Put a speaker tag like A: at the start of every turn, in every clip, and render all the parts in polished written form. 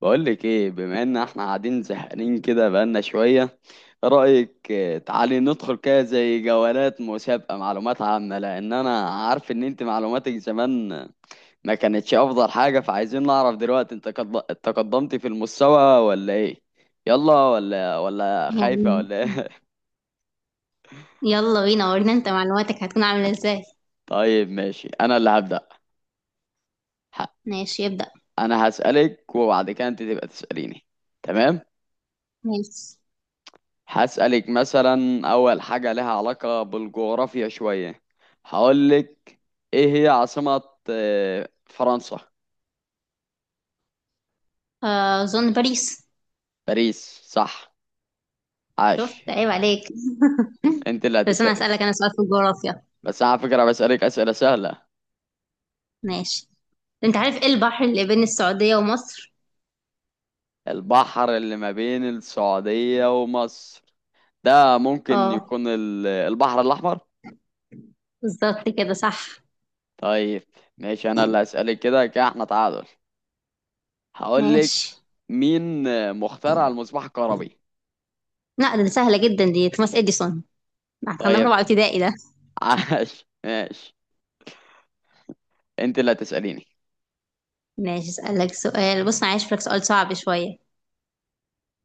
A: بقولك ايه؟ بما ان احنا قاعدين زهقانين كده بقالنا شوية، رأيك تعالي ندخل كده زي جولات مسابقة معلومات عامة، لان انا عارف ان انت معلوماتك زمان ما كانتش افضل حاجة، فعايزين نعرف دلوقتي انت تقدمتي في المستوى ولا ايه. يلا ولا خايفة
B: يعني،
A: ولا ايه؟
B: يلا بينا، ورينا انت معلوماتك هتكون عاملة ازاي.
A: طيب ماشي انا اللي هبدأ. ه-
B: ماشي يبدأ.
A: انا هسألك وبعد كده انت تبقى تسأليني، تمام؟
B: ماشي،
A: هسألك مثلا أول حاجة لها علاقة بالجغرافيا شوية. هقولك، إيه هي عاصمة فرنسا؟
B: أظن باريس.
A: باريس، صح، عاش.
B: شفت؟ عيب عليك.
A: أنت اللي
B: بس أنا
A: هتسألي.
B: هسألك أنا سؤال في الجغرافيا.
A: بس أنا على فكرة بسألك أسئلة سهلة.
B: ماشي، انت عارف ايه البحر اللي بين السعودية ومصر؟
A: البحر اللي ما بين السعودية ومصر ده ممكن
B: اه،
A: يكون البحر الأحمر.
B: بالظبط كده صح.
A: طيب ماشي، أنا اللي هسألك. كده كده احنا تعادل. هقولك،
B: ماشي.
A: مين مخترع المصباح الكهربي؟
B: لا، ده سهلة جدا دي، توماس اديسون. ده كنا في
A: طيب
B: رابعة ابتدائي ده.
A: عاش ماشي، انت اللي هتسأليني.
B: ماشي، اسألك سؤال. بص انا عايز لك سؤال صعب شوية.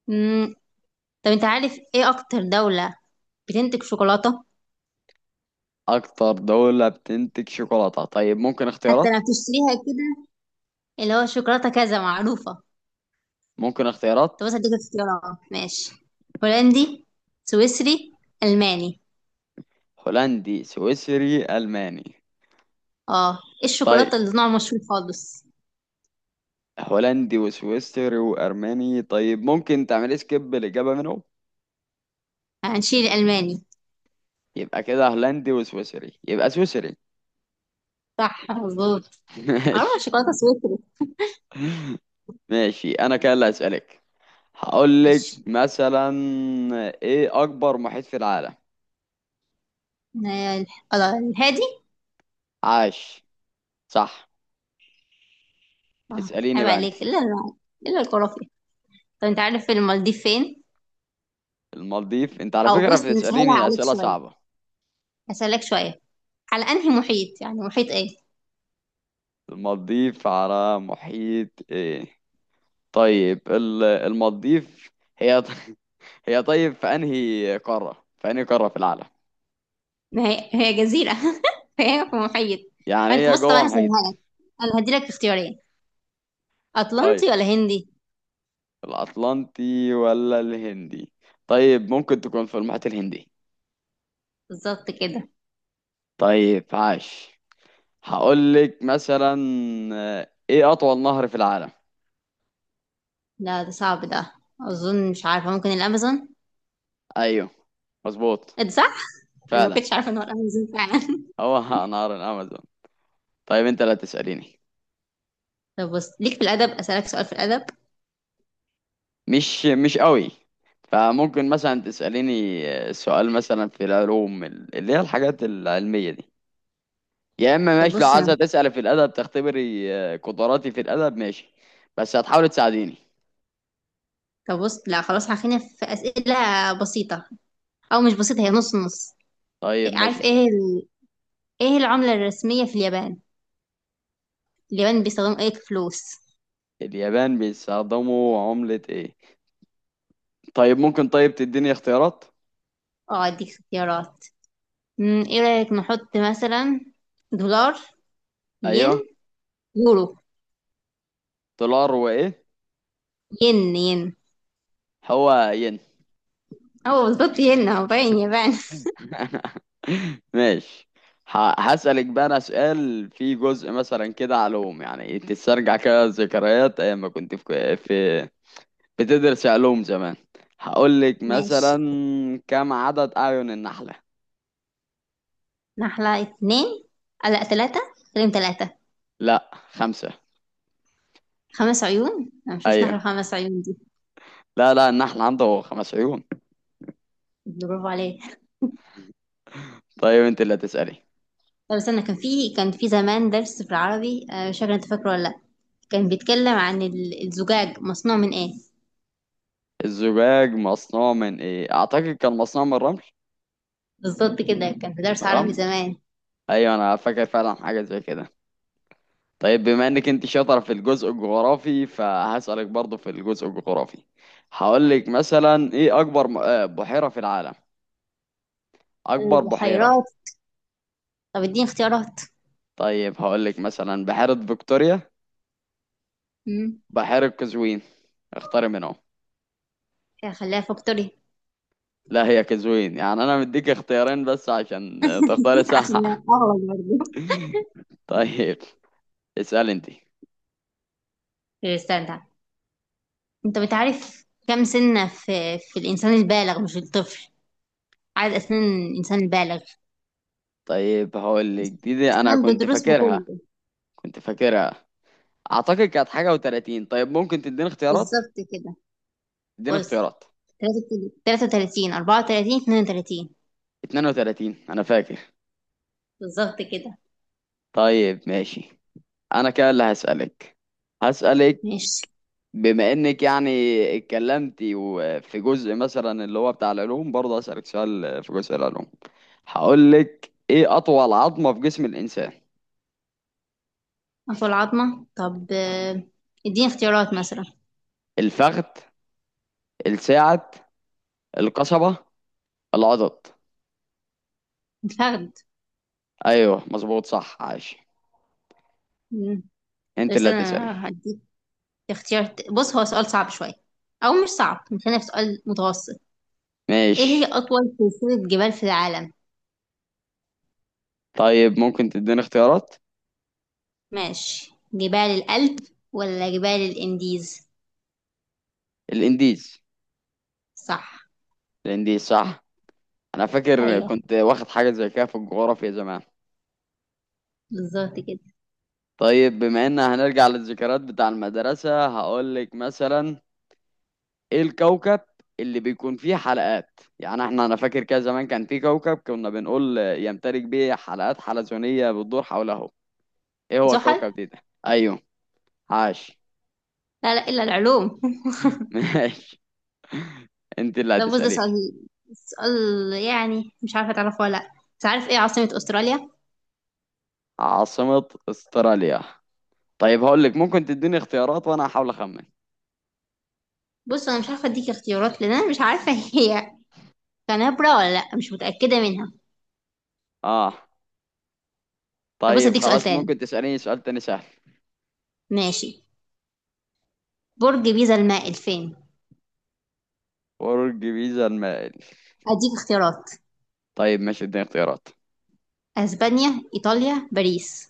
B: امم طب انت عارف ايه اكتر دولة بتنتج شوكولاتة؟
A: اكتر دولة بتنتج شوكولاتة؟ طيب ممكن
B: حتى لو
A: اختيارات؟
B: بتشتريها كده، اللي هو شوكولاتة كذا معروفة.
A: ممكن اختيارات؟
B: طب بس اديك اختيارات. ماشي، هولندي، سويسري، ألماني.
A: هولندي، سويسري، الماني؟
B: اه، ايه
A: طيب
B: الشوكولاتة اللي نوع مشهور خالص.
A: هولندي وسويسري وارماني، طيب ممكن تعمل سكيب الاجابة منهم؟
B: هنشيل الألماني.
A: يبقى كده هولندي وسويسري، يبقى سويسري.
B: صح، مظبوط. اه،
A: ماشي.
B: شوكولاتة سويسري.
A: ماشي انا كده اللي هسألك. هقول لك
B: ماشي.
A: مثلا، ايه اكبر محيط في العالم؟
B: الهادي.
A: عاش، صح.
B: اه.
A: اسأليني
B: عيب
A: بقى انت.
B: عليك. الا الخرافي. طب انت عارف المالديف فين؟
A: المالديف؟ انت على
B: او
A: فكرة
B: بص، نسهلها
A: بتسأليني
B: عليك
A: اسئلة
B: شوية،
A: صعبة.
B: هسهلك شوية. على انهي محيط، يعني محيط ايه؟
A: المالديف على محيط ايه؟ طيب المالديف هي، هي، طيب في انهي قارة، في انهي قارة في العالم؟
B: ما هي هي جزيرة فهي في محيط.
A: يعني
B: فانت
A: هي
B: بص طبعا
A: جوه
B: هسهلها لك،
A: محيط؟
B: انا هديلك اختيارين:
A: طيب
B: أطلنطي ولا هندي؟
A: الاطلنطي ولا الهندي؟ طيب ممكن تكون في المحيط الهندي.
B: بالظبط كده.
A: طيب عاش. هقول لك مثلا ايه اطول نهر في العالم؟
B: لا، ده صعب ده. أظن مش عارفة، ممكن الأمازون؟
A: ايوه، مظبوط،
B: إيه ده، صح؟ أنا ما
A: فعلا
B: كنتش عارفة إن هو الأمازون فعلا.
A: هو نهر الامازون. طيب انت لا تسأليني،
B: طب بص ليك في الأدب، أسألك سؤال في الأدب.
A: مش قوي. فممكن مثلا تسأليني سؤال مثلا في العلوم، اللي هي الحاجات العلمية دي. يا اما
B: طب
A: ماشي لو
B: بص
A: عايزة
B: أنا،
A: تسألي في الأدب تختبري قدراتي في الأدب، ماشي، بس هتحاولي تساعديني.
B: طب بص لا خلاص، هخلينا في أسئلة بسيطة، أو مش بسيطة، هي نص نص.
A: طيب
B: إيه-
A: ماشي،
B: عارف
A: اسألي.
B: إيه ال... إيه العملة الرسمية في اليابان؟ اليابان بيستخدموا إيه كفلوس؟
A: اليابان بيستخدموا عملة ايه؟ طيب ممكن، طيب تديني اختيارات؟
B: أه، أديك اختيارات. إيه رأيك نحط مثلا دولار، ين،
A: ايوه.
B: يورو؟
A: دولار وايه؟
B: ين، ين.
A: هو ين.
B: أه، بالظبط، ين، هو باين يابان.
A: ماشي. هسألك بقى أنا سؤال فيه جزء مثلا كده علوم، يعني تسترجع كده ذكريات أيام ما كنت في في بتدرس علوم زمان. هقول لك
B: ماشي.
A: مثلا، كم عدد أعين النحلة؟
B: نحلة اتنين، لا تلاتة. كريم، تلاتة.
A: لا، خمسة.
B: خمس عيون؟ أنا مشوش، نحلة
A: أيوه،
B: خمس عيون دي.
A: لا لا، النحل عنده خمس عيون.
B: برافو عليك.
A: طيب أنت اللي هتسألي.
B: طب استنى، كان في زمان درس في العربي، مش فاكرة انت فاكره ولا لأ. كان بيتكلم عن الزجاج مصنوع من ايه.
A: الزجاج مصنوع من إيه؟ أعتقد كان مصنوع من الرمل.
B: بالظبط كده، كان في درس
A: الرمل.
B: عربي زمان.
A: أيوه، أنا فاكر فعلا حاجة زي كده. طيب بما انك انت شاطره في الجزء الجغرافي، فهسألك برضو في الجزء الجغرافي. هقول لك مثلا ايه اكبر بحيرة في العالم؟ اكبر بحيرة.
B: البحيرات. طب اديني اختيارات.
A: طيب هقول لك مثلا بحيرة فيكتوريا،
B: امم
A: بحيرة قزوين، اختاري منهم.
B: خليها فاكتوري.
A: لا، هي قزوين، يعني انا مديك اختيارين بس عشان تختاري
B: عشان
A: صح.
B: اغلط برضه.
A: طيب، اسأل انت.
B: طب استنى، انت بتعرف كم سنة في الإنسان البالغ مش الطفل؟ عدد أسنان الإنسان البالغ.
A: طيب هقول لك دي انا
B: أسنان
A: كنت
B: بدروس
A: فاكرها.
B: بكله.
A: كنت فاكرها. اعتقد كانت حاجة و30. طيب ممكن تديني اختيارات؟
B: بالظبط كده.
A: اديني
B: بص،
A: اختيارات.
B: تلاتة وتلاتين، أربعة وتلاتين، اتنين وتلاتين.
A: 32 انا فاكر.
B: بالظبط كده.
A: طيب ماشي، انا كده اللي هسألك. هسألك،
B: ماشي،
A: بما انك يعني اتكلمتي وفي جزء مثلا اللي هو بتاع العلوم، برضه هسألك سؤال في جزء العلوم. هقول لك، ايه اطول عظمة في جسم الانسان؟
B: أنف العظمة. طب اديني اختيارات مثلا.
A: الفخذ، الساعد، القصبة، العضد.
B: الفخذ.
A: ايوه، مظبوط، صح، عاش.
B: مم.
A: انت
B: بس
A: اللي هتسألي.
B: أنا هديك اختيار بص، هو سؤال صعب شوية، أو مش صعب، خلينا في سؤال متوسط. إيه هي
A: ماشي،
B: أطول سلسلة جبال في العالم؟
A: طيب ممكن تديني اختيارات.
B: ماشي، جبال الألب ولا جبال الإنديز؟
A: الانديز.
B: صح.
A: الانديز، صح. انا فاكر
B: أيوه،
A: كنت واخد حاجة زي كده في الجغرافيا زمان.
B: بالظبط كده.
A: طيب بما ان هنرجع للذكريات بتاع المدرسة، هقولك مثلا، ايه الكوكب اللي بيكون فيه حلقات؟ يعني احنا انا فاكر كده زمان كان فيه كوكب كنا بنقول يمتلك بيه حلقات حلزونية بتدور حوله. ايه هو
B: زحل؟
A: الكوكب دي ده؟ ايوه، عاش.
B: لا لا، إلا العلوم.
A: ماشي، انت اللي
B: ده بص، ده سؤال،
A: هتسأليني.
B: سؤال يعني مش عارفة تعرفه ولا لأ، بس عارف ايه عاصمة استراليا؟
A: عاصمة استراليا؟ طيب هقولك، ممكن تديني اختيارات وانا هحاول اخمن.
B: بص انا مش عارفة اديك اختيارات لان انا مش عارفة. هي كانبرا ولا لأ، مش متأكدة منها.
A: اه.
B: طب بص
A: طيب
B: اديك سؤال
A: خلاص،
B: تاني.
A: ممكن تسأليني سؤال تاني سهل.
B: ماشي. برج بيزا المائل فين؟
A: برج بيزا المائل؟
B: اديك اختيارات:
A: طيب ماشي، اديني اختيارات.
B: اسبانيا، ايطاليا، باريس.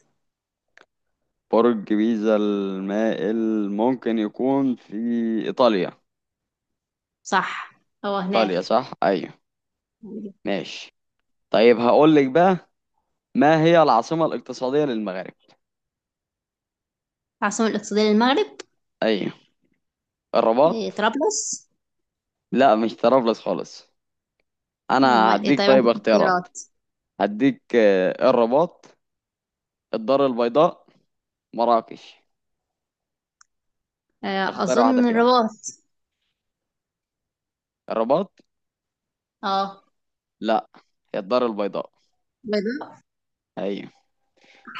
A: برج بيزا المائل ممكن يكون في إيطاليا.
B: صح، هو
A: إيطاليا،
B: هناك.
A: صح؟ أيوه. ماشي. طيب هقول لك بقى، ما هي العاصمة الاقتصادية للمغرب؟
B: العاصمة الاقتصادية للمغرب؟
A: أيوه.
B: إيه،
A: الرباط؟
B: طرابلس.
A: لا، مش طرابلس خالص. أنا
B: امال ايه؟
A: هديك
B: طيب
A: طيب
B: عندك
A: اختيارات.
B: اختيارات.
A: هديك الرباط، الدار البيضاء، مراكش. اختار واحدة
B: اظن
A: فيهم.
B: الرباط.
A: الرباط؟
B: اه.
A: لا، هي الدار البيضاء.
B: بيضاء.
A: أيوه.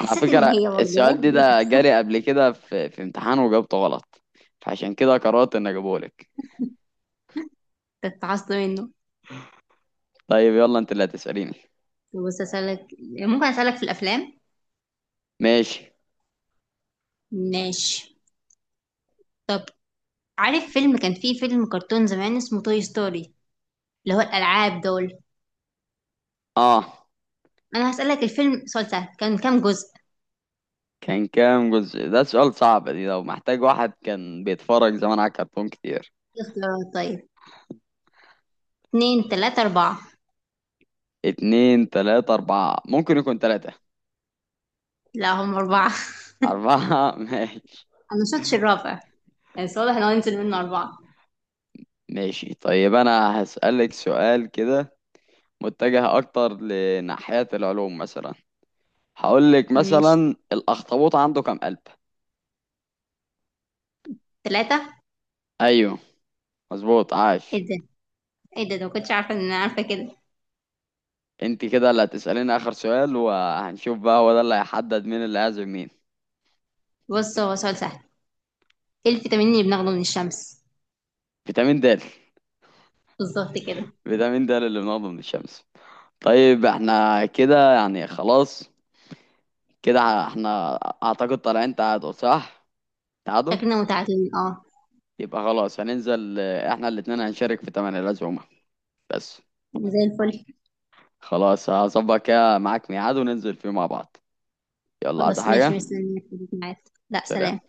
A: أنا على
B: ان
A: فكرة
B: هي برضه.
A: السؤال دي ده جاري قبل كده في امتحان وجاوبته غلط، فعشان كده قررت إني أجيبهولك.
B: تتعصب منه.
A: طيب يلا انت اللي هتسأليني.
B: بص اسالك، ممكن اسالك في الافلام؟
A: ماشي.
B: ماشي. طب عارف فيلم كان فيه فيلم كرتون زمان اسمه توي ستوري؟ اللي هو الالعاب دول.
A: اه.
B: انا هسالك الفيلم سؤال سهل: كان كام جزء؟
A: كان كام جزء؟ ده سؤال صعب دي، لو محتاج واحد كان بيتفرج زمان على كرتون كتير.
B: اختيارات طيب: اتنين، تلاتة، اربعة.
A: اتنين، تلاتة، أربعة؟ ممكن يكون تلاتة.
B: لا، هم اربعة.
A: أربعة؟ ماشي.
B: انا مشفتش الرابع، بس واضح ان هو هننزل منه اربعة.
A: ماشي طيب، أنا هسألك سؤال كده متجه أكتر لناحية العلوم مثلا. هقولك
B: ماشي،
A: مثلا، الأخطبوط عنده كام قلب؟
B: تلاتة.
A: أيوه، مظبوط، عاش.
B: ايه ده، ايه ده ما كنتش عارفة ان انا عارفة كده.
A: انت كده اللي هتسأليني آخر سؤال وهنشوف بقى هو ده اللي هيحدد مين اللي هيعزم مين.
B: بص، هو سؤال سهل: ايه الفيتامين اللي بناخده من الشمس؟
A: فيتامين د.
B: بالظبط كده.
A: فيتامين د اللي بناخده من الشمس. طيب احنا كده يعني خلاص. كده احنا، اعتقد طالعين تعادل، صح؟ تعادل.
B: شكلنا متعادلين، اه.
A: يبقى خلاص هننزل، احنا الاتنين هنشارك في تمن العزومة بس.
B: زي الفل.
A: خلاص هظبط كده معاك ميعاد وننزل فيه مع بعض. يلا، عايز
B: خلاص
A: حاجة؟
B: ماشي، مستنيك في الميعاد. لا،
A: سلام.
B: سلام.